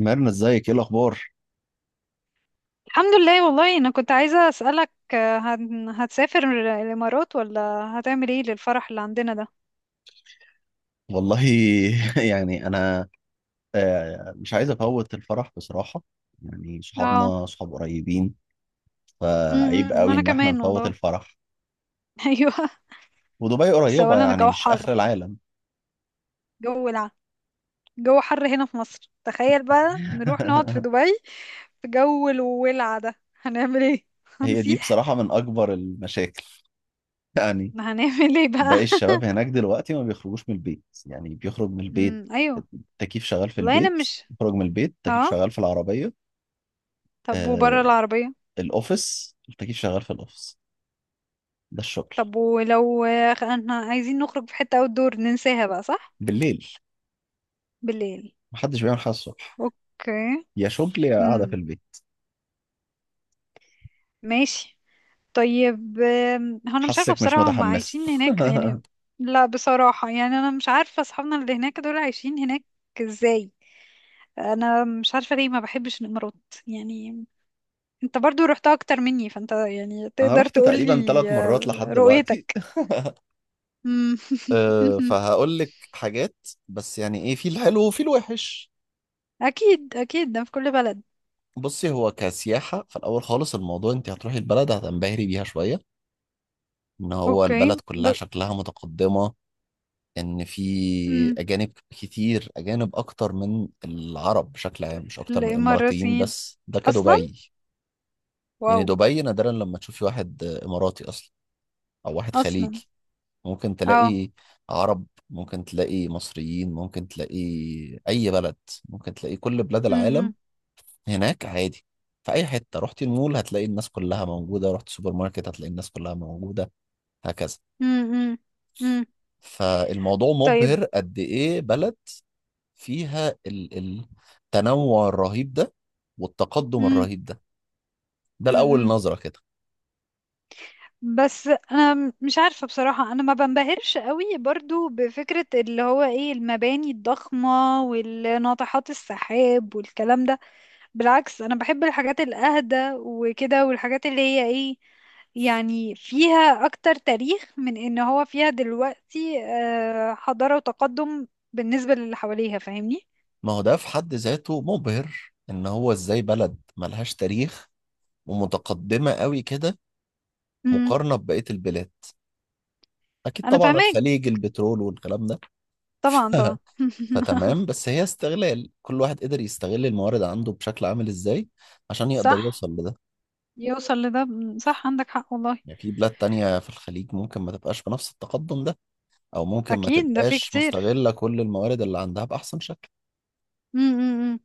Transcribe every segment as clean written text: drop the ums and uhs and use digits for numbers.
ميرنا، ازيك؟ ايه الاخبار؟ الحمد لله. والله انا كنت عايزة اسألك هتسافر الامارات ولا هتعمل ايه للفرح اللي عندنا ده؟ والله. يعني انا مش عايز افوت الفرح بصراحه. يعني اه. صحابنا صحاب قريبين، فعيب قوي انا ان احنا كمان نفوت والله. الفرح. ايوه. ودبي بس قريبه، اولا يعني الجو مش اخر حر، العالم. جو ولع، جو حر هنا في مصر. تخيل بقى نروح نقعد في دبي في جو الولع ده، هنعمل ايه؟ هي دي هنسيح. بصراحه من اكبر المشاكل. يعني، ما هنعمل ايه باقي بقى؟ الشباب هناك دلوقتي ما بيخرجوش من البيت. يعني بيخرج من البيت ايوه. التكييف شغال في والله انا البيت، مش. بيخرج من البيت التكييف اه. شغال في العربيه، طب آه، وبره العربية؟ الاوفيس التكييف شغال في الاوفيس. ده الشغل. طب ولو احنا عايزين نخرج في حتة outdoor، ننساها بقى، صح؟ بالليل، بالليل. محدش بيعمل حاجة الصبح. اوكي. يا شغل يا قاعدة في امم. البيت. ماشي. طيب، هو انا مش عارفه حاسك مش بصراحه هم متحمس. عايشين هناك يعني؟ لا بصراحه، يعني انا مش عارفه اصحابنا اللي هناك دول عايشين هناك ازاي. انا مش عارفه ليه ما بحبش الامارات يعني. انت برضو رحتها اكتر مني، فانت يعني انا تقدر رحت تقولي. تقريبا ثلاث مرات لحد دلوقتي. رؤيتك. مم. أه، فهقول لك حاجات، بس يعني ايه، في الحلو وفي الوحش. اكيد اكيد، ده في كل بلد. بصي، هو كسياحة في الاول خالص الموضوع انت هتروحي البلد هتنبهري بيها شوية، ان هو اوكي البلد كلها شكلها متقدمة، ان في مم. اجانب كتير، اجانب اكتر من العرب بشكل عام، مش اكتر من الاماراتيين، الاماراتيين بس ده اصلا. كدبي. واو. يعني دبي نادرا لما تشوفي واحد اماراتي اصلا او واحد اصلا. خليجي. ممكن اه. تلاقي عرب، ممكن تلاقي مصريين، ممكن تلاقي اي بلد، ممكن تلاقي كل بلاد امم. العالم هناك عادي. في اي حته، رحت المول هتلاقي الناس كلها موجوده، رحت سوبر ماركت هتلاقي الناس كلها موجوده، هكذا. امم. امم. فالموضوع طيب. مبهر قد ايه بلد فيها التنوع الرهيب ده والتقدم الرهيب ده. ده الاول امم. نظره كده. بس انا مش عارفه بصراحه، انا ما بنبهرش قوي برضو بفكره اللي هو ايه، المباني الضخمه والناطحات السحاب والكلام ده. بالعكس انا بحب الحاجات الاهدى وكده، والحاجات اللي هي ايه، يعني فيها اكتر تاريخ من ان هو فيها دلوقتي حضاره وتقدم، بالنسبه للي حواليها، فاهمني. ما هو ده في حد ذاته مبهر، ان هو ازاي بلد ملهاش تاريخ ومتقدمه قوي كده امم. مقارنة ببقية البلاد. أكيد انا طبعا فاهماك. الخليج البترول والكلام ده. طبعا ف- طبعا. فتمام. بس هي استغلال، كل واحد قدر يستغل الموارد عنده بشكل عامل إزاي عشان يقدر صح يوصل لده. يوصل لده. صح عندك حق والله. يعني في بلاد تانية في الخليج ممكن ما تبقاش بنفس التقدم ده، أو ممكن ما اكيد ده في تبقاش كتير. مستغلة كل الموارد اللي عندها بأحسن شكل. امم.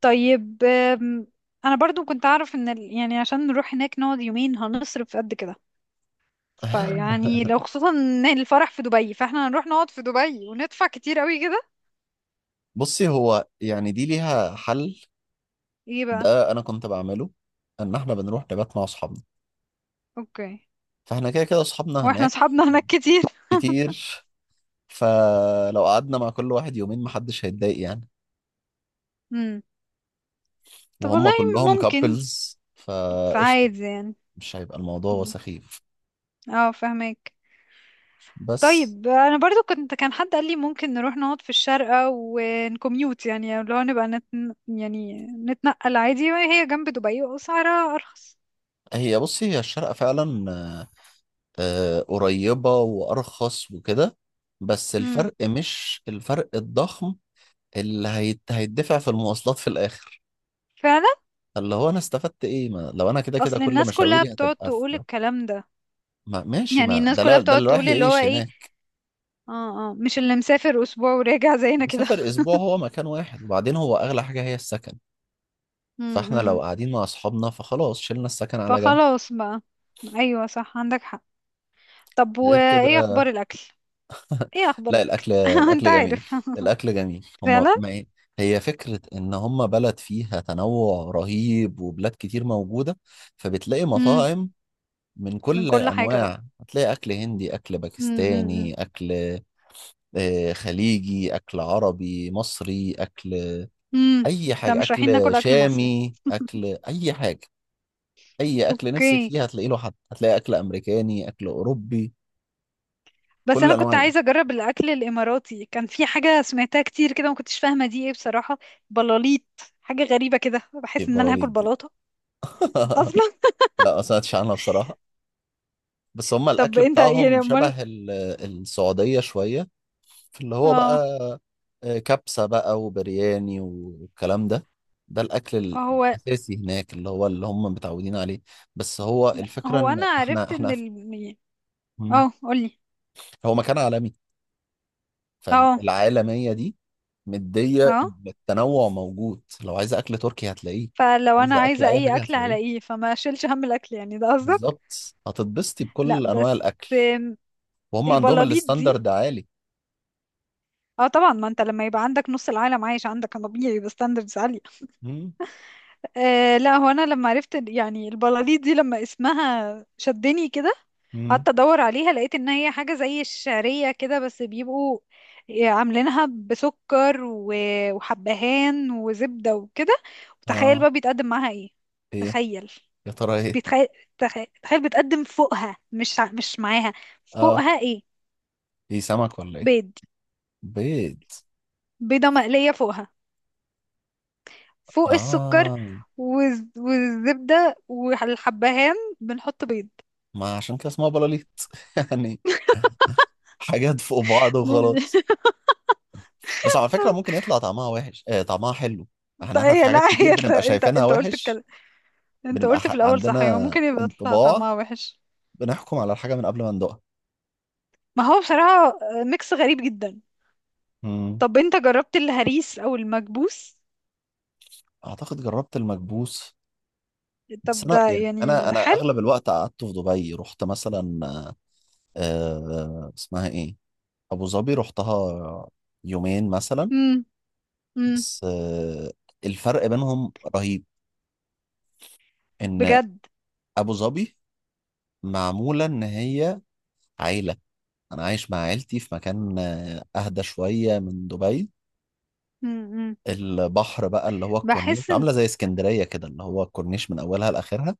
طيب. أم، انا برضو كنت اعرف ان يعني عشان نروح هناك نقعد يومين هنصرف قد كده. فيعني لو خصوصا ان الفرح في دبي، فاحنا هنروح نقعد في دبي وندفع كتير قوي كده. بصي، هو يعني دي ليها حل. ايه بقى؟ ده أنا كنت بعمله، إن إحنا بنروح نبات مع أصحابنا. اوكي. فإحنا كده كده أصحابنا واحنا هناك اصحابنا هناك كتير. كتير. فلو قعدنا مع كل واحد يومين محدش هيتضايق، يعني امم. طب وهم والله كلهم ممكن، كابلز فقشطة. فعادي يعني. مش هيبقى الموضوع مم. سخيف. اه، فهمك. بس طيب انا برضو كان حد قال لي ممكن نروح نقعد في الشارقة ونكميوت، يعني اللي هو نبقى يعني نتنقل عادي، وهي جنب دبي واسعارها ارخص. هي، بصي، هي الشارقة فعلا قريبة وأرخص وكده، بس امم. الفرق مش الفرق الضخم اللي هيتدفع في المواصلات في الآخر. فعلا. اللي هو، أنا استفدت إيه؟ ما لو أنا كده كده اصل كل الناس كلها مشاويري بتقعد هتبقى في. تقول الكلام ده. ما ماشي، يعني ما الناس ده كلها ده بتقعد اللي رايح تقول اللي هو يعيش ايه. هناك. اه، اه، مش اللي مسافر اسبوع وراجع زينا كده. مسافر أسبوع هو مكان واحد، وبعدين هو أغلى حاجة هي السكن. فاحنا امم. لو قاعدين مع اصحابنا فخلاص، شلنا السكن على جنب. فخلاص بقى. ايوه، صح عندك حق. طب غير وايه كده، اخبار الاكل؟ ايه اخبار لا، الاكل؟ الاكل انت الاكل جميل. عارف. الاكل جميل، هم فعلا. ما إيه؟ هي فكرة ان هم بلد فيها تنوع رهيب وبلاد كتير موجودة، فبتلاقي امم. مطاعم من من كل كل حاجة بقى. الانواع. هتلاقي اكل هندي، اكل امم. باكستاني، اكل خليجي، اكل عربي مصري، اكل امم. اي لا حاجة، مش رايحين اكل ناكل اكل مصري. شامي، اكل اي حاجة. اي اكل نفسك اوكي. فيه هتلاقي له حد. هتلاقي اكل امريكاني، اكل اوروبي، بس كل انا انواع كنت عايزه الاكل. اجرب الاكل الاماراتي، كان في حاجه سمعتها كتير كده ما كنتش فاهمه دي ايه بصراحه. بلاليط. حاجه غريبه كده، ايه بحس ان انا البراليط هاكل دي؟ بلاطه اصلا. لا، ما سمعتش عنها بصراحة. بس هما طب الأكل انت يعني بتاعهم امال. شبه السعودية شوية. في اللي هو بقى اه. كبسة بقى وبرياني والكلام ده. ده الأكل هو الأساسي هناك، اللي هو اللي هم متعودين عليه. بس هو الفكرة هو إن انا إحنا عرفت ان إحنا ال مم. اه، قولي. هو مكان عالمي، اه فالعالمية دي مدية اه، إن التنوع موجود. لو عايزة أكل تركي هتلاقيه، فلو انا عايزة أكل عايزه أي اي حاجة اكل على هتلاقيه. ايه، فما اشيلش هم الاكل يعني ده قصدك. بالظبط، هتتبسطي لا بكل أنواع بس. الأكل. آم، وهم عندهم البلاليط دي. الستاندرد عالي. اه طبعا، ما انت لما يبقى عندك نص العالم عايش عندك، كان طبيعي يبقى ستاندردز عالية. مم. لا هو انا لما عرفت يعني البلاليط دي لما اسمها شدني كده. مم. قعدت ادور عليها لقيت ان هي حاجة زي الشعرية كده، بس بيبقوا عاملينها بسكر وحبهان وزبدة وكده. وتخيل اه، بقى بيتقدم معاها ايه؟ ايه؟ تخيل. يا ترى ايه؟ بيتخيل تخيل, تخيل بتقدم فوقها، مش معاها. اه، فوقها ايه؟ ايه؟ سمك ولا ايه؟ بيض. بيض. بيضة مقلية فوقها، فوق السكر. اه. والزبدة والحبهان. بنحط بيض. ما عشان كده اسمها بلاليط. يعني، حاجات فوق بعض وخلاص. بس على فكرة ممكن يطلع طعمها وحش، طعمها حلو. احنا طيب. احنا في هي لا، حاجات كتير هي انت بنبقى انت شايفينها انت قلت وحش. الكلام. انت بنبقى قلت في الاول، صح، يعني عندنا ممكن يبقى يطلع انطباع، طعمها وحش. بنحكم على الحاجة من قبل ما ندوقها. ما هو بصراحة، ميكس غريب جدا. مم. طب انت جربت الهريس او المكبوس؟ اعتقد جربت المكبوس. طب بس انا، ده يعني انا يعني انا حلو. اغلب الوقت قعدت في دبي. رحت مثلا اسمها ايه، ابو ظبي، رحتها يومين مثلا. امم. امم. بس الفرق بينهم رهيب، ان بجد. ابو ظبي معمولة ان هي عيلة. انا عايش مع عيلتي في مكان اهدى شوية من دبي. امم. البحر بقى، اللي هو الكورنيش، بحس ان. عاملة زي اسكندرية كده، اللي هو الكورنيش من اولها لاخرها.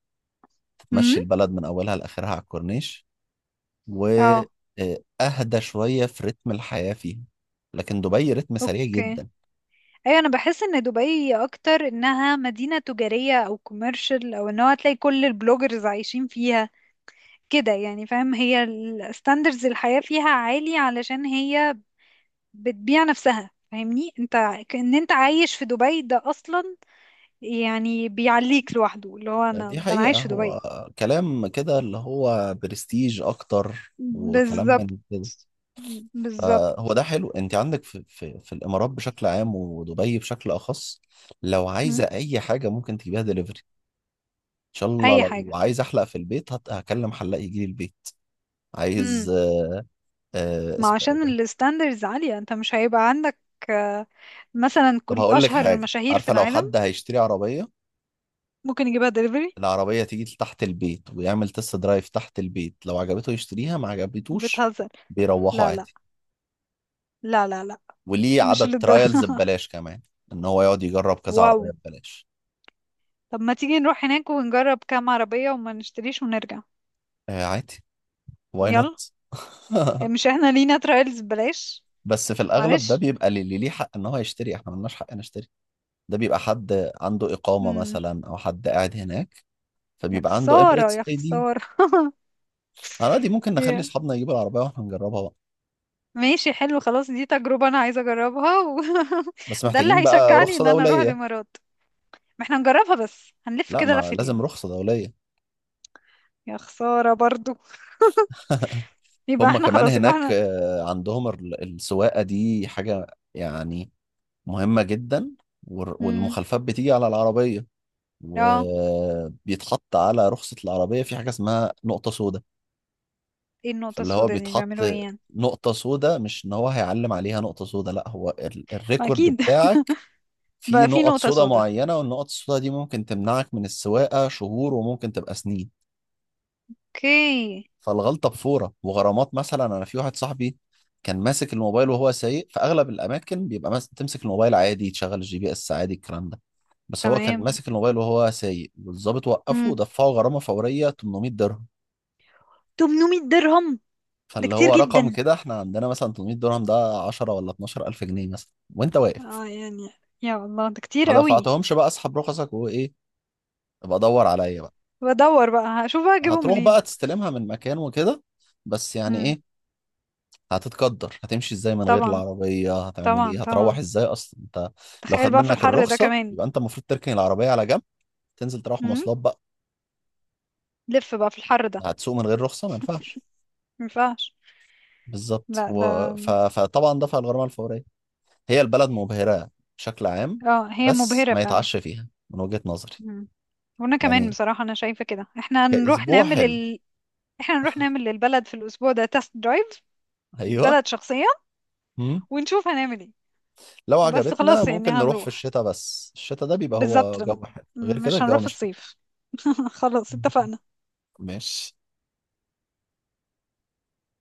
امم. تمشي البلد من اولها لاخرها على الكورنيش، و اه. اهدى شوية في رتم الحياة فيها. لكن دبي رتم سريع اوكي. جدا. ايوه، انا بحس ان دبي اكتر انها مدينة تجارية او كوميرشال، او ان هو هتلاقي كل البلوجرز عايشين فيها كده يعني، فاهم؟ هي الستاندرز الحياة فيها عالي علشان هي بتبيع نفسها، فاهمني انت، ان انت عايش في دبي ده اصلا. يعني بيعليك لوحده، اللي هو انا، دي ده انا حقيقة، عايش في هو دبي. كلام كده اللي هو برستيج أكتر وكلام بالظبط. من كده. فهو بالظبط. ده حلو. أنت عندك في الإمارات بشكل عام ودبي بشكل أخص، لو مم. عايزة أي حاجة ممكن تجيبها دليفري. إن شاء الله اي لو حاجة. عايز أحلق في البيت هكلم حلاق يجي لي البيت. عايز ما اسمه إيه عشان ده؟ الستاندرز عالية، انت مش هيبقى عندك آه، مثلا طب كل هقول لك اشهر حاجة، المشاهير في عارفة لو العالم حد هيشتري عربية؟ ممكن يجيبها دليفري. العربية تيجي تحت البيت، ويعمل تست درايف تحت البيت. لو عجبته يشتريها، ما عجبتوش بتهزر؟ بيروحوا لا لا. عادي. لا لا، لا وليه مش عدد للدرجة. ترايلز ببلاش كمان، ان هو يقعد يجرب كذا واو. عربية ببلاش. طب ما تيجي نروح هناك ونجرب كام عربية وما نشتريش ونرجع. آه، عادي. واي يلا. نوت. إيه، مش احنا لينا ترايلز بلاش؟ بس في الاغلب ده معلش. بيبقى اللي ليه حق ان هو يشتري. احنا ملناش حق نشتري. ده بيبقى حد عنده اقامة مم. مثلا او حد قاعد هناك، يا فبيبقى عنده خسارة، اميريتس يا ID. خسارة. انا دي ممكن نخلي يا. اصحابنا يجيبوا العربية واحنا نجربها بقى. ماشي حلو. خلاص دي تجربة انا عايزة اجربها و... بس ده اللي محتاجين بقى هيشجعني رخصة ان انا اروح دولية. الامارات. ما احنا هنجربها، بس هنلف لا، كده ما لازم لفتين. رخصة دولية. يا خسارة برضو. يبقى هم احنا كمان خلاص، يبقى هناك احنا. عندهم السواقة دي حاجة، يعني مهمة جدا. امم. والمخالفات بتيجي على العربية، اه. وبيتحط على رخصة العربية في حاجة اسمها نقطة سوداء. ايه النقطة فاللي هو السوداء دي، بيتحط بيعملوا ايه يعني؟ نقطة سوداء، مش ان هو هيعلم عليها نقطة سوداء، لا، هو ما الريكورد اكيد. بتاعك فيه بقى في نقط نقطة سوداء سوداء. معينة، والنقط السوداء دي ممكن تمنعك من السواقة شهور، وممكن تبقى سنين. اوكي. فالغلطة بفورة وغرامات. مثلا انا في واحد صاحبي كان ماسك الموبايل وهو سايق. في اغلب الاماكن بيبقى ماسك، تمسك الموبايل عادي، تشغل الGPS عادي، الكلام ده. بس هو كان تمام. ماسك الموبايل وهو سايق، والظابط وقفه امم. ودفعه غرامة فورية 800 درهم. 800 درهم. ده فاللي كتير هو رقم جدا. كده. احنا عندنا مثلا 800 درهم ده 10 ولا 12 ألف جنيه مثلا، وانت واقف. اه يعني. يا الله، ده كتير ما قوي. دفعتهمش بقى، اسحب رخصك وايه، ابقى دور عليا بقى. بدور بقى، هشوف بقى اجيبه هتروح منين. بقى تستلمها من مكان وكده. بس يعني امم. ايه، هتتقدر هتمشي ازاي من غير طبعا، العربية؟ هتعمل طبعا، ايه؟ هتروح طبعا. ازاي اصلا انت؟ لو خد تخيل بقى في منك الحر ده الرخصة، كمان. يبقى انت المفروض تركن العربية على جنب، تنزل تروح امم. مواصلات بقى. لف بقى في الحر ده. هتسوق من غير رخصة، ما ينفعش. مينفعش. بالظبط. لا ده. فطبعا دفع الغرامة الفورية. هي البلد مبهرة بشكل عام، اه هي بس مبهرة ما فعلا. يتعش فيها من وجهة نظري. وانا كمان يعني بصراحة انا شايفة كده، احنا نروح كأسبوع نعمل حلو. ال... احنا نروح نعمل للبلد في الاسبوع ده تest درايف. أيوه. البلد شخصيا. مم. ونشوف هنعمل ايه. لو بس عجبتنا خلاص يعني ممكن نروح في هنروح. الشتاء، بس الشتاء ده بيبقى بالظبط. هو جو حلو. غير كده مش الجو هنروح في مش الصيف. خلاص اتفقنا. ماشي.